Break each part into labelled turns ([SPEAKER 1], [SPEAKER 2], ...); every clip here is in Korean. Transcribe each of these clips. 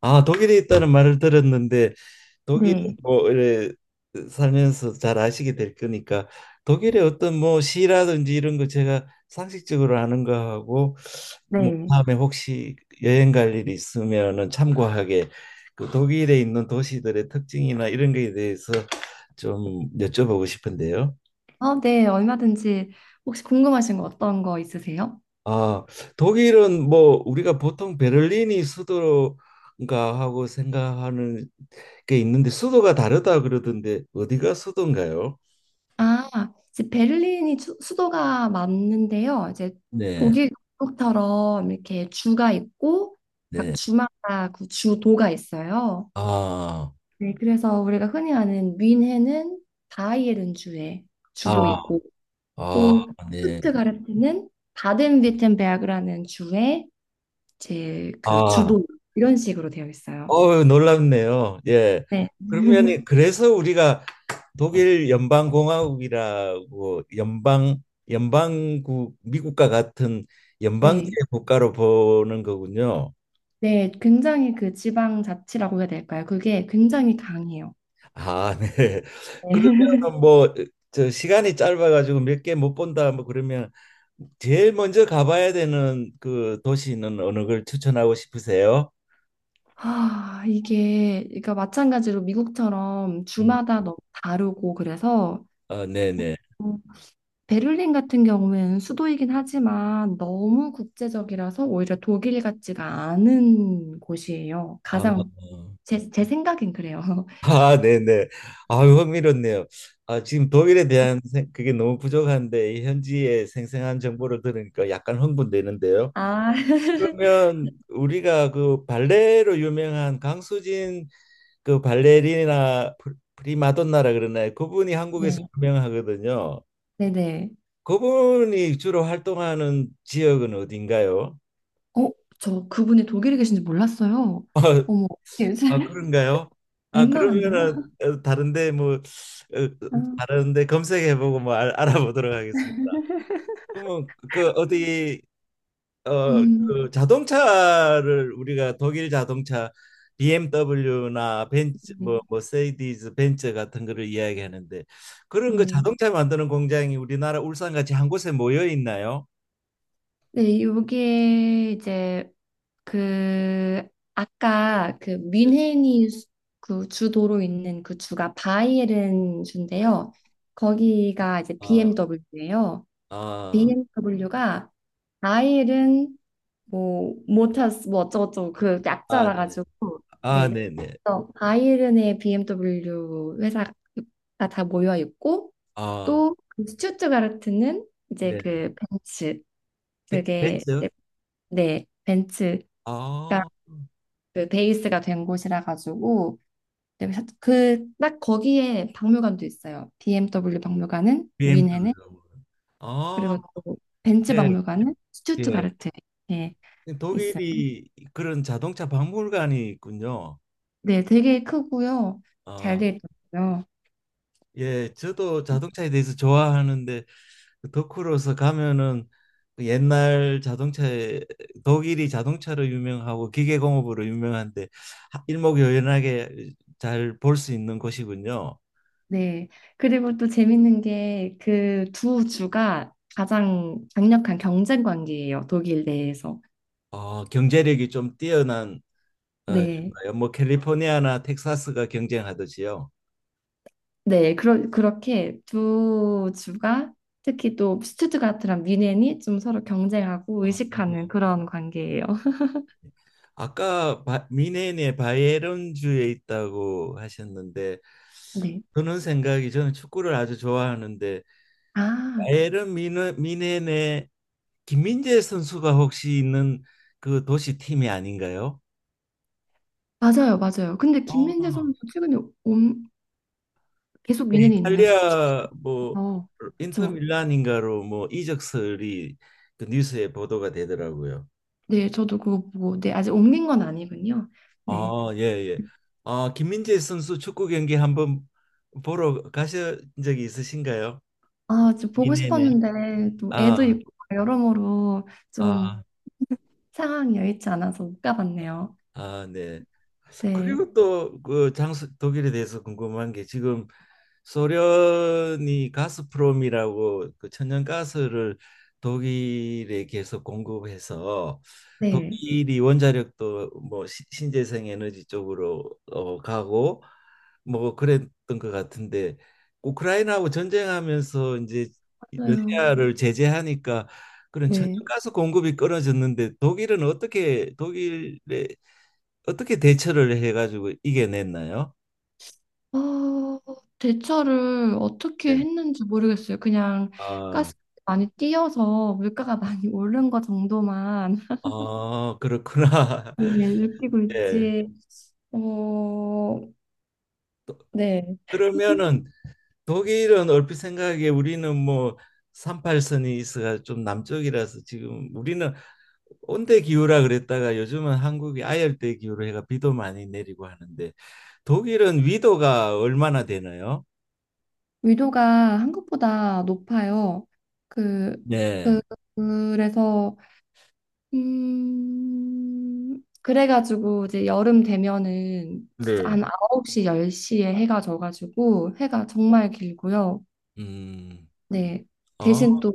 [SPEAKER 1] 아, 독일에 있다는 말을 들었는데 독일에
[SPEAKER 2] 네,
[SPEAKER 1] 뭐 이래 살면서 잘 아시게 될 거니까 독일의 어떤 뭐 시라든지 이런 거 제가 상식적으로 아는 거하고 뭐
[SPEAKER 2] 네.
[SPEAKER 1] 다음에 혹시 여행 갈 일이 있으면은 참고하게 그 독일에 있는 도시들의 특징이나 이런 거에 대해서 좀 여쭤보고 싶은데요.
[SPEAKER 2] 네, 얼마든지 혹시 궁금하신 거 어떤 거 있으세요?
[SPEAKER 1] 아, 독일은 뭐 우리가 보통 베를린이 수도인가 하고 생각하는 게 있는데 수도가 다르다 그러던데 어디가 수도인가요?
[SPEAKER 2] 아, 이제 베를린이 수도가 맞는데요. 이제
[SPEAKER 1] 네,
[SPEAKER 2] 독일 국처럼 이렇게 주가 있고 각
[SPEAKER 1] 네.
[SPEAKER 2] 주마다 그 주도가 있어요.
[SPEAKER 1] 아,
[SPEAKER 2] 네, 그래서 우리가 흔히 아는 뮌헨은 바이에른 주의 주도
[SPEAKER 1] 아,
[SPEAKER 2] 있고
[SPEAKER 1] 아,
[SPEAKER 2] 또
[SPEAKER 1] 네.
[SPEAKER 2] 슈트가르트는 바덴würtem베르크라는 주의 제 그
[SPEAKER 1] 아,
[SPEAKER 2] 주도 이런 식으로 되어 있어요.
[SPEAKER 1] 어 놀랍네요. 예.
[SPEAKER 2] 네.
[SPEAKER 1] 그러면 그래서 우리가 독일 연방공화국이라고 연방 연방국 미국과 같은 연방제
[SPEAKER 2] 네.
[SPEAKER 1] 국가로 보는 거군요.
[SPEAKER 2] 네, 굉장히 그 지방 자치라고 해야 될까요? 그게 굉장히 강해요.
[SPEAKER 1] 아, 네.
[SPEAKER 2] 네.
[SPEAKER 1] 그러면 뭐 저 시간이 짧아가지고 몇 개 못 본다 뭐 그러면 제일 먼저 가봐야 되는 그 도시는 어느 걸 추천하고 싶으세요?
[SPEAKER 2] 아, 이게, 그러니까 마찬가지로 미국처럼
[SPEAKER 1] 음.
[SPEAKER 2] 주마다 너무 다르고 그래서
[SPEAKER 1] 아, 네네.
[SPEAKER 2] 음, 베를린 같은 경우에는 수도이긴 하지만 너무 국제적이라서 오히려 독일 같지가 않은 곳이에요.
[SPEAKER 1] 아,
[SPEAKER 2] 가장 제 생각엔 그래요.
[SPEAKER 1] 아, 네네. 아, 흥미롭네요. 아, 지금 독일에 대한 그게 너무 부족한데 이 현지의 생생한 정보를 들으니까 약간 흥분되는데요.
[SPEAKER 2] 아,
[SPEAKER 1] 그러면 우리가 그 발레로 유명한 강수진 그 발레리나 프리마돈나라 그러나요? 그분이 한국에서
[SPEAKER 2] 네,
[SPEAKER 1] 유명하거든요.
[SPEAKER 2] 네네.
[SPEAKER 1] 그분이 주로 활동하는 지역은 어딘가요?
[SPEAKER 2] 어, 저 그분이 독일에 계신지 몰랐어요.
[SPEAKER 1] 아,
[SPEAKER 2] 어머,
[SPEAKER 1] 아, 그런가요? 아
[SPEAKER 2] 민망한데요?
[SPEAKER 1] 그러면은 어, 다른데 뭐 어,
[SPEAKER 2] 아.
[SPEAKER 1] 다른데 검색해보고 뭐 아보도록 하겠습니다. 그러면 그 어디 어,
[SPEAKER 2] 음.
[SPEAKER 1] 그 자동차를 우리가 독일 자동차 BMW나 벤츠 뭐
[SPEAKER 2] 네.
[SPEAKER 1] 머세디스 벤츠 같은 거를 이야기하는데 그런 거
[SPEAKER 2] 네.
[SPEAKER 1] 자동차 만드는 공장이 우리나라 울산 같이 한 곳에 모여 있나요?
[SPEAKER 2] 네, 요게 이제 그 아까 그 그 주도로 있는 그 주가 바이에른
[SPEAKER 1] 네.
[SPEAKER 2] 주인데요. 거기가 이제
[SPEAKER 1] 아,
[SPEAKER 2] BMW예요.
[SPEAKER 1] 아,
[SPEAKER 2] BMW가 바이에른 뭐 모타스 뭐 어쩌고저쩌고 그
[SPEAKER 1] 아,
[SPEAKER 2] 약자라
[SPEAKER 1] 네.
[SPEAKER 2] 가지고
[SPEAKER 1] 아,
[SPEAKER 2] 네.
[SPEAKER 1] 네, 네.
[SPEAKER 2] 그래서 바이에른의 BMW 회사가 다 모여 있고
[SPEAKER 1] 아,
[SPEAKER 2] 또 그 스투트가르트는 이제
[SPEAKER 1] 네.
[SPEAKER 2] 그 벤츠 그게
[SPEAKER 1] 벤츠?
[SPEAKER 2] 이제 네 벤츠가
[SPEAKER 1] 아,
[SPEAKER 2] 그 베이스가 된 곳이라 가지고 그 딱 거기에 박물관도 있어요. BMW 박물관은 뮌헨에
[SPEAKER 1] BMW. 아,
[SPEAKER 2] 그리고 또 벤츠
[SPEAKER 1] 네.
[SPEAKER 2] 박물관은
[SPEAKER 1] 예.
[SPEAKER 2] 스투트가르트에 예, 있어요.
[SPEAKER 1] 독일이 그런 자동차 박물관이 있군요.
[SPEAKER 2] 네, 되게 크고요. 잘
[SPEAKER 1] 어.
[SPEAKER 2] 돼 있더라고요.
[SPEAKER 1] 예, 저도 자동차에 대해서 좋아하는데 그 덕후로서 가면은 그 옛날 자동차에 독일이 자동차로 유명하고 기계공업으로 유명한데 하- 일목요연하게 잘 볼 수 있는 곳이군요.
[SPEAKER 2] 네. 그리고 또 재밌는 게 그 두 주가 가장 강력한 경쟁 관계예요. 독일 내에서.
[SPEAKER 1] 어, 경제력이 좀 뛰어난 어,
[SPEAKER 2] 네.
[SPEAKER 1] 정말요. 뭐 캘리포니아나 텍사스가 경쟁하듯이요.
[SPEAKER 2] 네, 그렇게 두 주가 특히 또 스투트가트랑 뮌헨이 좀 서로 경쟁하고
[SPEAKER 1] 아, 네.
[SPEAKER 2] 의식하는 그런 관계예요.
[SPEAKER 1] 아까 미네인의 바이에른주에 있다고 하셨는데
[SPEAKER 2] 네.
[SPEAKER 1] 드는 생각이 저는 축구를 아주 좋아하는데
[SPEAKER 2] 아,
[SPEAKER 1] 바이에른 미넨의 김민재 선수가 혹시 있는 그 도시 팀이 아닌가요?
[SPEAKER 2] 맞아요, 맞아요. 근데
[SPEAKER 1] 어.
[SPEAKER 2] 김민재 선수 최근에 옴, 계속
[SPEAKER 1] 그
[SPEAKER 2] 뮌헨이 있나요?
[SPEAKER 1] 이탈리아 뭐
[SPEAKER 2] 어,
[SPEAKER 1] 인터
[SPEAKER 2] 그렇죠.
[SPEAKER 1] 밀란인가로 뭐 이적설이 그 뉴스에 보도가 되더라고요.
[SPEAKER 2] 네, 저도 그거 보고, 네, 아직 옮긴 건 아니군요. 네.
[SPEAKER 1] 아, 예, 예. 아, 김민재 선수 축구 경기 한번 보러 가신 적이 있으신가요?
[SPEAKER 2] 아, 좀 보고
[SPEAKER 1] 미네네.
[SPEAKER 2] 싶었는데 또
[SPEAKER 1] 아,
[SPEAKER 2] 애도 있고 여러모로 좀
[SPEAKER 1] 아,
[SPEAKER 2] 상황이 여의치 않아서 못 가봤네요.
[SPEAKER 1] 아, 네.
[SPEAKER 2] 네,
[SPEAKER 1] 그리고 또 그 장수 독일에 대해서 궁금한 게 지금 소련이 가스프롬이라고 그 천연가스를 독일에 계속 공급해서
[SPEAKER 2] 네,
[SPEAKER 1] 독일이 원자력도 뭐 신재생 에너지 쪽으로 어, 가고 뭐 그랬던 것 같은데 우크라이나하고 전쟁하면서 이제
[SPEAKER 2] 맞아요.
[SPEAKER 1] 러시아를 제재하니까 그런
[SPEAKER 2] 네.
[SPEAKER 1] 천연가스 공급이 끊어졌는데 독일은 어떻게 독일에 어떻게 대처를 해가지고 이겨냈나요?
[SPEAKER 2] 어, 대처를 어떻게
[SPEAKER 1] 네.
[SPEAKER 2] 했는지 모르겠어요. 그냥
[SPEAKER 1] 아
[SPEAKER 2] 가스 많이 띄어서 물가가 많이 오른 거 정도만
[SPEAKER 1] 아, 그렇구나.
[SPEAKER 2] 네, 느끼고
[SPEAKER 1] 예. 네.
[SPEAKER 2] 있지. 어, 네.
[SPEAKER 1] 그러면은 독일은 얼핏 생각에 우리는 뭐 38선이 있어가 좀 남쪽이라서 지금 우리는 온대 기후라 그랬다가 요즘은 한국이 아열대 기후로 해가 비도 많이 내리고 하는데 독일은 위도가 얼마나 되나요?
[SPEAKER 2] 위도가 한국보다 높아요. 그,
[SPEAKER 1] 네.
[SPEAKER 2] 그, 그래서, 그래가지고 이제 여름 되면은 진짜
[SPEAKER 1] 네.
[SPEAKER 2] 한 9시, 10시에 해가 져가지고 해가 정말 길고요.
[SPEAKER 1] 음.
[SPEAKER 2] 네.
[SPEAKER 1] 아,
[SPEAKER 2] 대신 또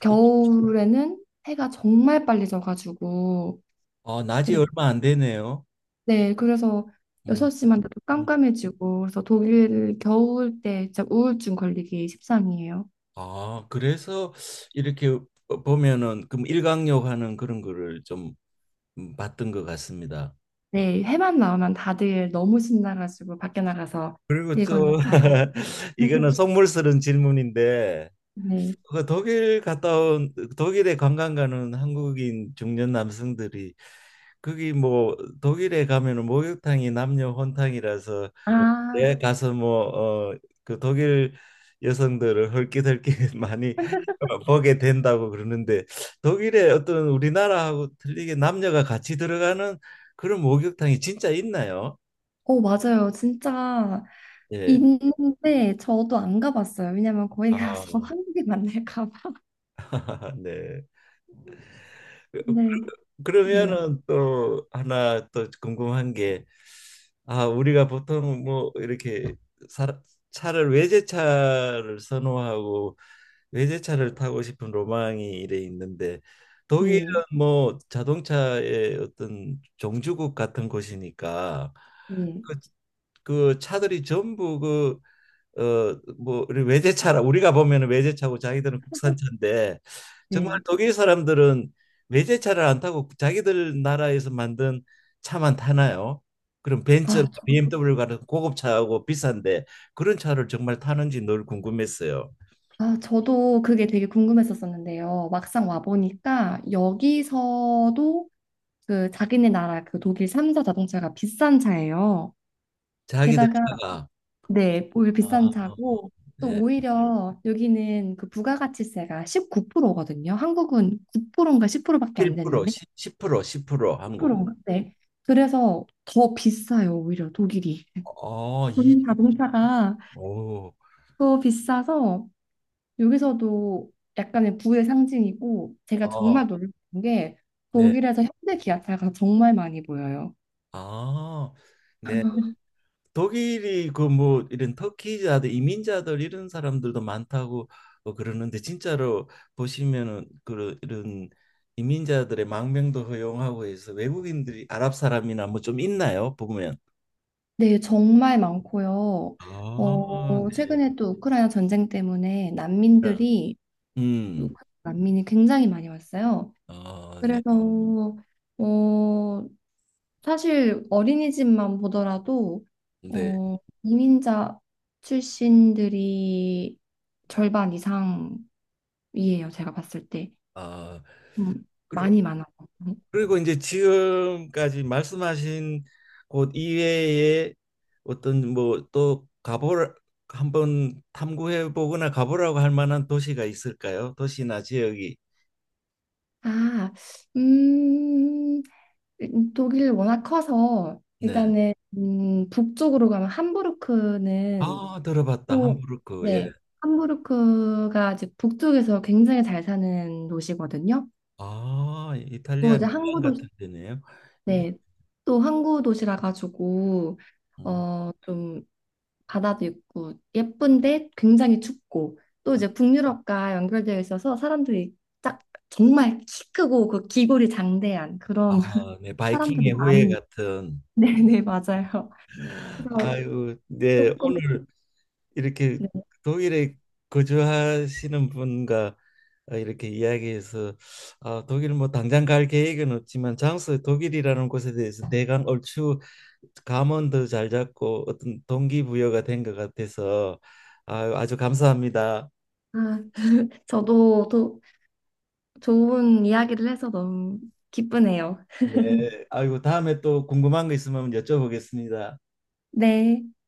[SPEAKER 2] 겨울에는 해가 정말 빨리 져가지고
[SPEAKER 1] 아, 낮이
[SPEAKER 2] 그래
[SPEAKER 1] 얼마 안 되네요.
[SPEAKER 2] 네 그래서
[SPEAKER 1] 음.
[SPEAKER 2] 6시만 돼도
[SPEAKER 1] 음.
[SPEAKER 2] 깜깜해지고 그래서 독일 겨울 때 진짜 우울증 걸리기 십상이에요.
[SPEAKER 1] 아, 그래서 이렇게 어, 보면은 그럼 일광욕 하는 그런 거를 좀 봤던 것 같습니다.
[SPEAKER 2] 네 해만 나오면 다들 너무 신나가지고 밖에 나가서
[SPEAKER 1] 그리고 좀
[SPEAKER 2] 일거욕 하고
[SPEAKER 1] 이거는 속물스러운 질문인데
[SPEAKER 2] 네.
[SPEAKER 1] 그 독일 갔다 온 독일에 관광 가는 한국인 중년 남성들이 거기 뭐 독일에 가면은 목욕탕이 남녀 혼탕이라서 내
[SPEAKER 2] 아,
[SPEAKER 1] 가서 뭐 어 그 독일 여성들을 헐기덜기 많이 보게 된다고 그러는데 독일에 어떤 우리나라하고 틀리게 남녀가 같이 들어가는 그런 목욕탕이 진짜 있나요?
[SPEAKER 2] 어, 맞아요. 진짜
[SPEAKER 1] 예.
[SPEAKER 2] 있는데 저도 안 가봤어요. 왜냐면 거기
[SPEAKER 1] 아,
[SPEAKER 2] 가서 한국에 만날까 봐.
[SPEAKER 1] 아, 네. 그-
[SPEAKER 2] 네. 네.
[SPEAKER 1] 그러면은 또 하나 또 궁금한 게, 아, 우리가 보통 뭐 이렇게 사, 차를 외제차를 선호하고 외제차를 타고 싶은 로망이 이래 있는데 독일은
[SPEAKER 2] 네.
[SPEAKER 1] 뭐 자동차의 어떤 종주국 같은 곳이니까
[SPEAKER 2] 네.
[SPEAKER 1] 그, 그 차들이 전부 그 어뭐 외제차라 우리가 보면은 외제차고 자기들은 국산차인데 정말
[SPEAKER 2] 네.
[SPEAKER 1] 독일 사람들은 외제차를 안 타고 자기들 나라에서 만든 차만 타나요? 그럼 벤츠나
[SPEAKER 2] 아,
[SPEAKER 1] BMW 같은 고급차하고 비싼데 그런 차를 정말 타는지 늘 궁금했어요.
[SPEAKER 2] 아, 저도 그게 되게 궁금했었었는데요. 막상 와보니까 여기서도 그 자기네 나라 그 독일 3사 자동차가 비싼 차예요.
[SPEAKER 1] 자기들
[SPEAKER 2] 게다가,
[SPEAKER 1] 차가
[SPEAKER 2] 네, 오히려
[SPEAKER 1] 아,
[SPEAKER 2] 비싼 차고, 또
[SPEAKER 1] 예.
[SPEAKER 2] 오히려 여기는 그 부가가치세가 19%거든요. 한국은 9%인가 10%밖에 안 되는데,
[SPEAKER 1] 1% 10% 10% 한국은.
[SPEAKER 2] 10%인가? 네. 그래서 더 비싸요, 오히려 독일이.
[SPEAKER 1] 어, 이,
[SPEAKER 2] 본인 자동차가
[SPEAKER 1] 오,
[SPEAKER 2] 더 비싸서 여기서도 약간의 부의 상징이고 제가 정말
[SPEAKER 1] 어,
[SPEAKER 2] 놀란 게
[SPEAKER 1] 네,
[SPEAKER 2] 독일에서 현대 기아차가 정말 많이 보여요.
[SPEAKER 1] 아, 네. 독일이 그 뭐 이런 터키자들 이민자들 이런 사람들도 많다고 어, 그러는데 진짜로 보시면은 그런 이런 이민자들의 망명도 허용하고 해서 외국인들이 아랍 사람이나 뭐 좀 있나요? 보면.
[SPEAKER 2] 네, 정말 많고요.
[SPEAKER 1] 아,
[SPEAKER 2] 어,
[SPEAKER 1] 네.
[SPEAKER 2] 최근에 또 우크라이나 전쟁 때문에 난민들이
[SPEAKER 1] 음.
[SPEAKER 2] 우크라이나 난민이 굉장히 많이 왔어요.
[SPEAKER 1] 어, 네.
[SPEAKER 2] 그래서 어, 사실 어린이집만 보더라도
[SPEAKER 1] 네.
[SPEAKER 2] 어, 이민자 출신들이 절반 이상이에요. 제가 봤을 때.
[SPEAKER 1] 아,
[SPEAKER 2] 음,
[SPEAKER 1] 그리고
[SPEAKER 2] 많이 많아요.
[SPEAKER 1] 그리고 이제 지금까지 말씀하신 곳 이외에 어떤 뭐 또 가보 한번 탐구해 보거나 가보라고 할 만한 도시가 있을까요? 도시나 지역이.
[SPEAKER 2] 아, 음, 독일 워낙 커서
[SPEAKER 1] 네.
[SPEAKER 2] 일단은 북쪽으로 가면 함부르크는
[SPEAKER 1] 아, 들어봤다.
[SPEAKER 2] 또,
[SPEAKER 1] 함부르크. 예.
[SPEAKER 2] 네, 함부르크가 이제 북쪽에서 굉장히 잘 사는 도시거든요.
[SPEAKER 1] 아,
[SPEAKER 2] 또
[SPEAKER 1] 이탈리아
[SPEAKER 2] 이제
[SPEAKER 1] 밀란
[SPEAKER 2] 항구
[SPEAKER 1] 같은
[SPEAKER 2] 도시,
[SPEAKER 1] 데네요. 네.
[SPEAKER 2] 네, 또 항구 도시라 가지고
[SPEAKER 1] 음.
[SPEAKER 2] 좀 바다도 있고 예쁜데 굉장히 춥고 또 이제 북유럽과 연결되어 있어서 사람들이 딱 정말 키 크고 그 기골이 장대한 그런
[SPEAKER 1] 아, 네. 바이킹의
[SPEAKER 2] 사람들이
[SPEAKER 1] 후예
[SPEAKER 2] 많이
[SPEAKER 1] 같은.
[SPEAKER 2] 네네 맞아요. 그래서
[SPEAKER 1] 아유, 네.
[SPEAKER 2] 조금
[SPEAKER 1] 오늘 이렇게
[SPEAKER 2] 네.
[SPEAKER 1] 독일에 거주하시는 분과 어, 이렇게 이야기해서 아, 독일 뭐 당장 갈 계획은 없지만 장소 독일이라는 곳에 대해서 대강 얼추 감언도 잘 잡고 어떤 동기부여가 된 것 같아서 아, 아주 감사합니다.
[SPEAKER 2] 아, 저도 또 좋은 이야기를 해서 너무 기쁘네요.
[SPEAKER 1] 네, 아이고 다음에 또 궁금한 거 있으면 여쭤보겠습니다.
[SPEAKER 2] 네.